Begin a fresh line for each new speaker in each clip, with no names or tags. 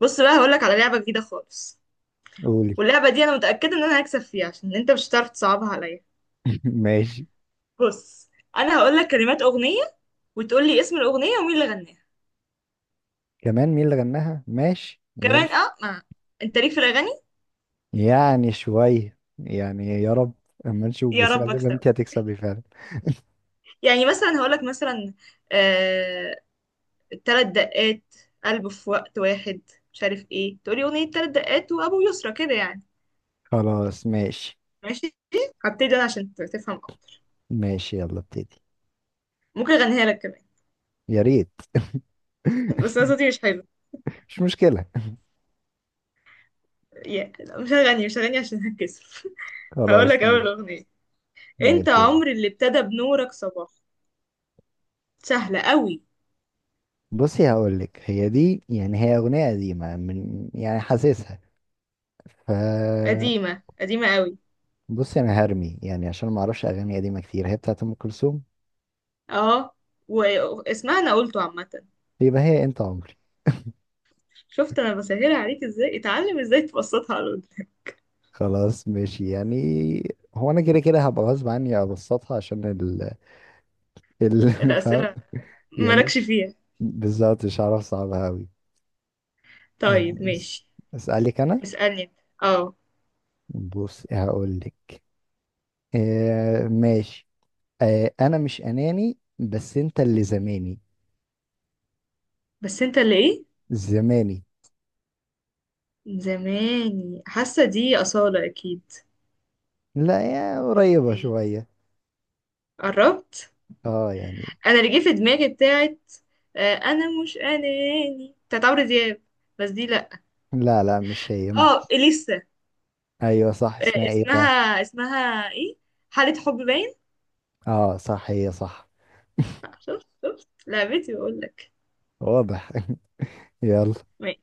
بص بقى هقولك على لعبة جديدة خالص.
قولي.
واللعبة دي انا متأكدة ان انا هكسب فيها عشان انت مش هتعرف تصعبها عليا.
ماشي.
بص، انا هقولك كلمات اغنية وتقولي اسم الاغنية ومين اللي غناها.
كمان، مين اللي غناها؟ ماشي، يلا.
كمان اه ما. انت ليك في الاغاني؟
يعني شوية، يعني يا رب. اما نشوف،
يا
بس
رب
غالبا انت
اكسبك.
هتكسبي فعلا.
يعني مثلا هقولك مثلا آه... تلات دقات قلب في وقت واحد. مش عارف ايه، تقولي اغنية تلات دقات وابو يسرى كده يعني.
خلاص ماشي.
ماشي، هبتدي انا عشان تفهم اكتر.
ماشي يلا ابتدي.
ممكن اغنيها لك كمان.
يا ريت.
بس انا صوتي مش حلو.
مش مشكلة.
يا لا، مش هغني، مش هغني عشان هتكسف. هقولك
خلاص
اول
ماشي.
اغنية: انت
ماشي يلا.
عمر اللي ابتدى بنورك صباح. سهلة قوي.
بصي، هقولك هي دي، يعني هي أغنية قديمة، من يعني حاسسها. ف،
قديمة قديمة قوي.
بصي أنا هرمي يعني عشان ما أعرفش أغاني قديمة كتير. هي بتاعت أم كلثوم.
اه، واسمها انا قلته عامة.
يبقى هي أنت عمري.
شفت انا بسهلها عليك ازاي، اتعلم ازاي تبسطها على الأرض.
خلاص ماشي يعني. هو انا كده كده هبقى غصب عني ابسطها عشان ال. فاهم.
الأسئلة
يعني
مالكش
مش
فيها.
بالظبط، مش هعرف صعبها قوي.
طيب
يعني
ماشي،
اسالك انا.
اسألني انت. اه.
بص هقول لك. آه، ماشي. انا مش اناني، بس انت اللي زماني.
بس انت اللي ايه؟
زماني.
زماني، حاسة دي أصالة اكيد.
لا، يا
ولا
قريبة
ايه؟
شوية.
قربت؟
اه يعني.
انا اللي جه في دماغي بتاعت انا مش اناني، بتاعت عمرو دياب، بس دي لا.
لا لا مش هي.
اه، اليسا.
ايوه صح، اسمها ايه بقى؟
اسمها اسمها ايه؟ حالة حب، باين.
اه صح هي صح.
شفت، شفت لعبتي بقول لك.
واضح. يلا.
ماشي.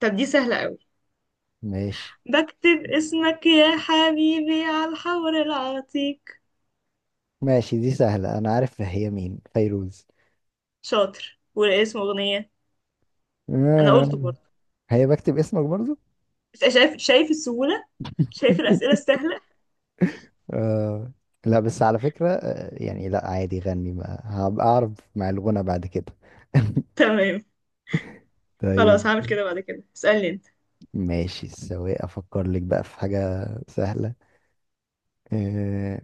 طب دي سهلة قوي:
ماشي.
بكتب اسمك يا حبيبي على الحور العتيق.
ماشي، دي سهلة. أنا عارف هي مين، فيروز.
شاطر، والاسم أغنية. أنا
آه،
قلته برضه.
هي بكتب اسمك برضو.
بس شايف، شايف السهولة؟ شايف الأسئلة السهلة؟
آه. لا بس على فكرة، يعني لا عادي، غني ما هبقى أعرف. مع الغنى بعد كده.
تمام.
طيب.
خلاص، هعمل كده بعد كده، اسألني انت.
ماشي، سواء أفكر لك بقى في حاجة سهلة. آه.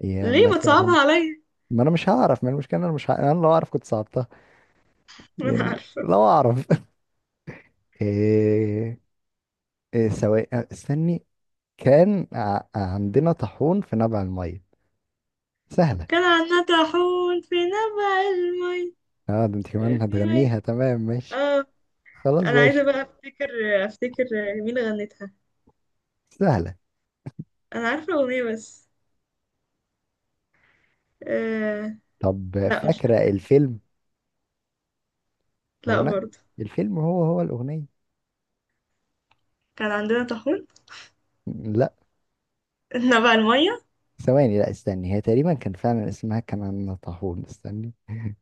يا
ليه ما
مثلا.
تصعبها عليا؟
ما أنا مش هعرف، ما المشكلة أنا مش أنا لو أعرف كنت صعبتها.
ما انا
يعني
عارفة.
لو أعرف. آه. آه، سواء استني. كان عندنا طاحون في نبع المية. سهلة.
كان عنا طاحون في نبع المي،
اه ده انت كمان
في مي.
هتغنيها، تمام ماشي.
اه،
خلاص
انا عايزة
ماشي.
بقى افتكر، افتكر مين غنتها.
سهلة.
انا عارفه الاغنيه بس. آه...
طب،
لا مش
فاكرة
فاكره،
الفيلم؟ هو
لا
انا،
برضه.
الفيلم هو هو الأغنية.
كان عندنا طاحون.
لا.
احنا بقى الميه،
ثواني، لا استني، هي تقريبا كان فعلا اسمها كمان طاحون، استني.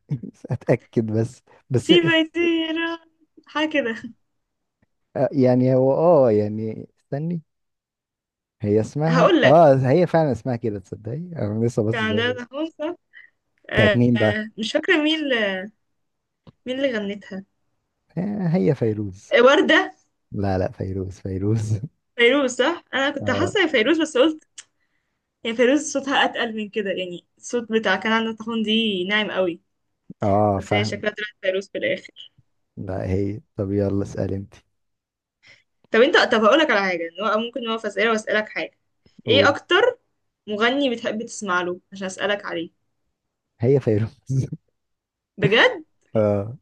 اتأكد بس. بس.
في بيتيرة، حاجه كده.
يعني هو، يعني استني. هي اسمها،
هقول لك،
هي فعلا اسمها كده، تصدقي انا لسه
كان
بس.
عندنا طاحون صح.
بتاعت
آه...
مين بقى؟
آه، مش فاكره مين اللي... مين اللي غنتها.
هي فيروز.
آه، ورده؟
لا لا فيروز فيروز.
فيروز صح، انا كنت
اه
حاسه هي فيروز بس قلت هي فيروز صوتها اتقل من كده، يعني الصوت بتاع كان عندنا طاحون دي ناعم قوي.
اه
بس هي
فاهم.
شكلها طلعت فيروز في الاخر.
لا هي، طب يلا اسأل انت.
طب انت، طب هقول لك على حاجه، إن هو ممكن نقف اسئله واسالك حاجه. ايه
قول.
اكتر مغني بتحب تسمع له عشان اسالك عليه؟
هي فيروز.
بجد؟
اه.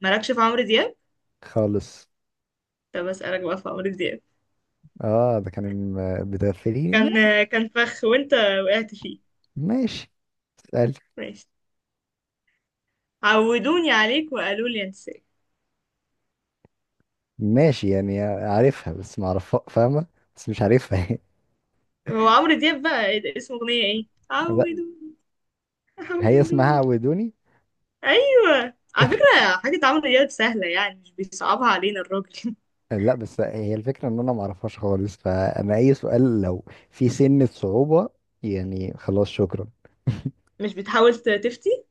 مالكش في عمرو دياب؟
خالص.
طب اسالك بقى في عمرو دياب.
اه ده كان بتغفليني.
كان، كان فخ وانت وقعت فيه.
ماشي. اسأل.
ماشي، عودوني عليك وقالوا لي انساك.
ماشي، يعني عارفها بس ما اعرفها، فاهمة. بس مش عارفها.
هو عمرو دياب بقى ايه ده؟ اسم اغنيه ايه؟
لا
عودوني،
هي اسمها
عودوني.
عودوني.
ايوه، على فكره حاجه عمرو دياب سهله يعني، مش بيصعبها علينا الراجل.
لا بس هي الفكرة ان انا ما اعرفهاش خالص، فانا اي سؤال لو، في سنة صعوبة. يعني خلاص، شكرا.
مش بتحاول تفتي،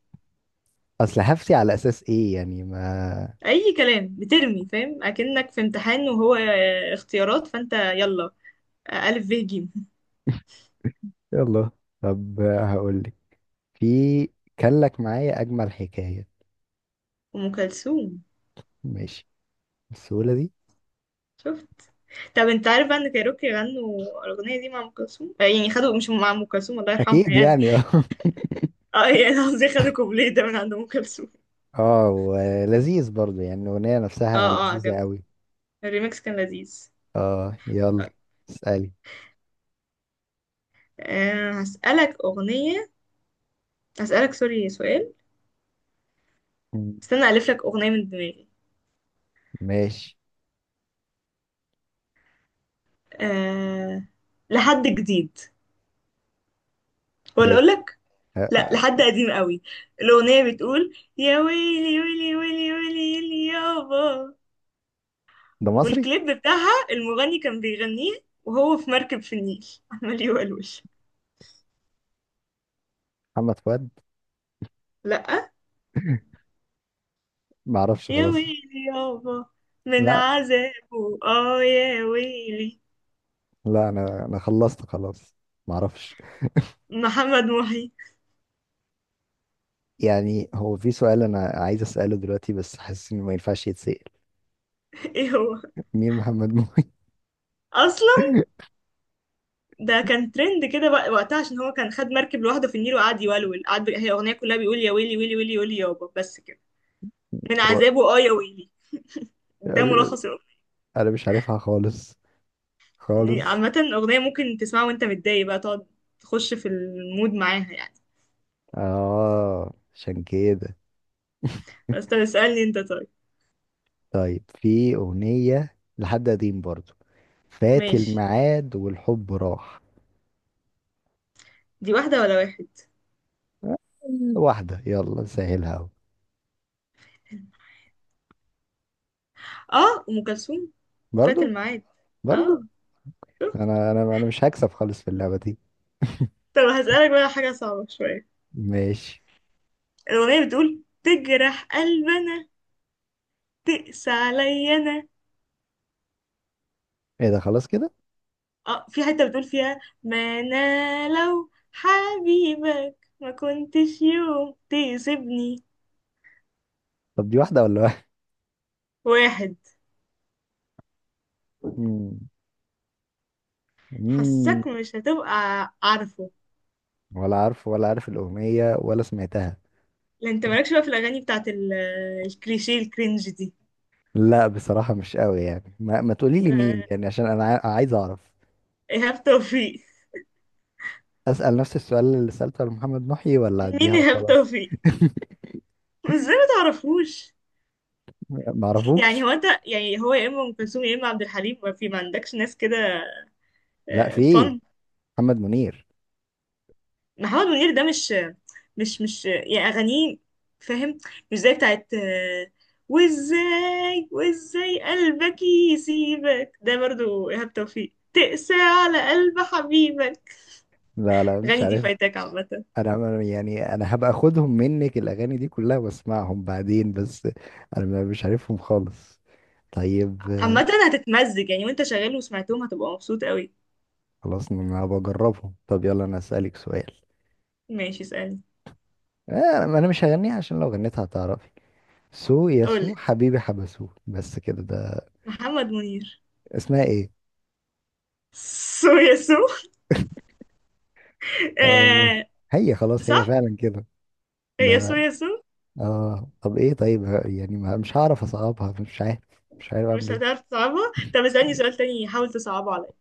اصل هفتي على اساس ايه يعني ما.
اي كلام بترمي، فاهم؟ اكنك في امتحان وهو اختيارات، فانت يلا: الف، ب، ج.
يلا، طب هقول لك، في كان لك معايا اجمل حكاية.
ام كلثوم.
ماشي. بالسهولة دي.
شفت؟ طب انت عارف بقى ان كايروكي غنوا الاغنيه دي مع ام كلثوم؟ يعني خدوا، مش مع ام كلثوم الله يرحمها
اكيد
يعني.
يعني.
اه يعني قصدي خدوا كوبليه ده من عند ام كلثوم.
اه ولذيذ برضو، يعني الأغنية
اه،
نفسها
اه،
لذيذة
عجبني
قوي.
الريميكس، كان لذيذ.
اه، يلا.
طيب.
اسألي.
أه، هسألك أغنية، هسألك سوري سؤال.
مم.
استنى ألف لك أغنية من دماغي.
ماشي.
أه. لحد جديد ولا
هي،
أقول لك؟
آه،
لا، لحد
آه،
قديم قوي. الأغنية بتقول: يا ويلي ويلي ويلي ويلي ويلي يابا.
ده مصري.
والكليب بتاعها المغني كان بيغنيه وهو في مركب في النيل، عمال يولول.
محمد فؤاد.
لا،
معرفش
يا
خلاص.
ويلي يابا، من
لا
عذابه اه يا ويلي.
لا انا خلصت خلاص. معرفش.
محمد محي.
يعني هو في سؤال انا عايز اسأله دلوقتي، بس حاسس انه ما ينفعش يتسأل.
ايه هو
مين محمد مومي؟
اصلا؟ ده كان ترند كده بقى وقتها عشان هو كان خد مركب لوحده في النيل وقعد يولول، قعد، هي اغنيه كلها بيقول يا ويلي ويلي ويلي ويلي يابا، بس كده، من
هو
عذابه اه يا ويلي. ده ملخص.
انا مش عارفها خالص. خالص.
عامة أغنية ممكن تسمعها وأنت متضايق بقى، تقعد تخش في المود معاها يعني.
اه عشان كده.
بس طب اسألني أنت. طيب
طيب، في أغنية لحد قديم برضو. فات
ماشي.
الميعاد والحب راح.
دي واحدة ولا واحد؟
واحدة، يلا سهلها أهو.
اه، أم كلثوم، فات
برضو.
الميعاد.
برضو.
اه. شفت؟
أنا مش هكسب خالص في اللعبة دي.
طب هسألك بقى حاجة صعبة شوية.
ماشي.
الأغنية بتقول: تجرح قلبنا، تقسى عليا أنا.
إيه ده، خلاص كده.
اه، في حتة بتقول فيها: ما أنا لو حبيبك ما كنتش يوم تسيبني.
طب دي واحدة ولا واحد؟
واحد.
مم. مم.
حسك مش هتبقى عارفه.
ولا عارف الأغنية ولا سمعتها.
لا انت مالكش بقى في الاغاني بتاعت الكليشيه الكرنج دي.
لا بصراحة مش قوي يعني، ما تقولي لي مين،
آه،
يعني عشان أنا عايز أعرف.
ايهاب توفيق.
أسأل نفس السؤال اللي سألته لمحمد محي، ولا أديها
مين ايهاب
وخلاص؟
توفيق؟ ازاي ما تعرفوش؟ يعني
معرفوش.
هو انت، يعني هو يا اما ام كلثوم يا اما عبد الحليم، ما في، ما عندكش ناس كده
لا، في إيه؟
فن؟
محمد منير.
محمد منير. ده مش، مش يعني اغانيه، فاهم؟ مش زي بتاعت وازاي، وازاي قلبك يسيبك، ده برضو ايهاب توفيق. تقسى على قلب حبيبك،
لا لا مش
غني دي
عارف.
فايتك عامة.
يعني انا هبقى اخدهم منك الاغاني دي كلها، واسمعهم بعدين بس. انا مش عارفهم خالص. طيب.
عامة هتتمزج يعني وانت شغال وسمعتهم، هتبقى مبسوط قوي.
خلاص انا بجربهم. طب يلا انا اسالك سؤال.
ماشي، اسألني.
انا مش هغنيها عشان لو غنيتها هتعرفي. سو يا سو
قولي.
حبيبي حبسوه، بس كده ده.
محمد منير،
اسمها ايه؟
سو يا سو.
آه.
آه
هي، خلاص هي
صح،
فعلا كده.
هي سو
ده.
يا سو.
اه طب ايه، طيب يعني مش هعرف اصعبها، مش عارف. مش عارف اعمل
مش
ايه.
هتعرف تصعبها. طب اسألني سؤال تاني، حاول تصعبه عليا.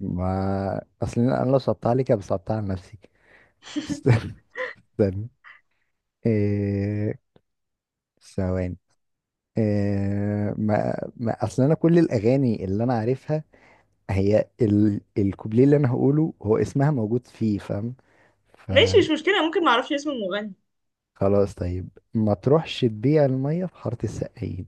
ما اصل انا لو صعبتها عليك أبقى صعبتها على نفسي. استنى. إيه... ثواني. إيه... ما... ما اصل انا كل الاغاني اللي انا عارفها هي الكوبليه اللي انا هقوله هو اسمها موجود فيه، فاهم. فخلاص.
ماشي، مش مشكلة، ممكن معرفش اسم المغني.
طيب، ما تروحش تبيع الميه في حاره السقايين.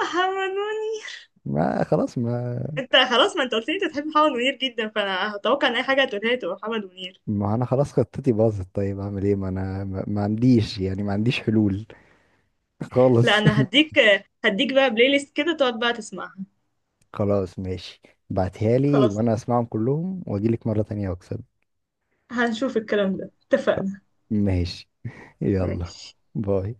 محمد منير.
ما خلاص، ما.
انت خلاص، ما انت قلت لي انت بتحب محمد منير جدا، فانا هتوقع ان اي حاجة هتقولها لي تبقى محمد منير.
ما انا خلاص، خطتي باظت، طيب اعمل ايه؟ ما انا ما ما عنديش، يعني ما عنديش حلول.
لا
خالص.
انا هديك، هديك بقى بلاي ليست كده تقعد بقى تسمعها.
خلاص ماشي. بعتها لي
خلاص.
وانا اسمعهم كلهم، واجيلك مرة تانية واكسب.
هنشوف الكلام ده، اتفقنا؟
ماشي. يلا.
ماشي.
باي.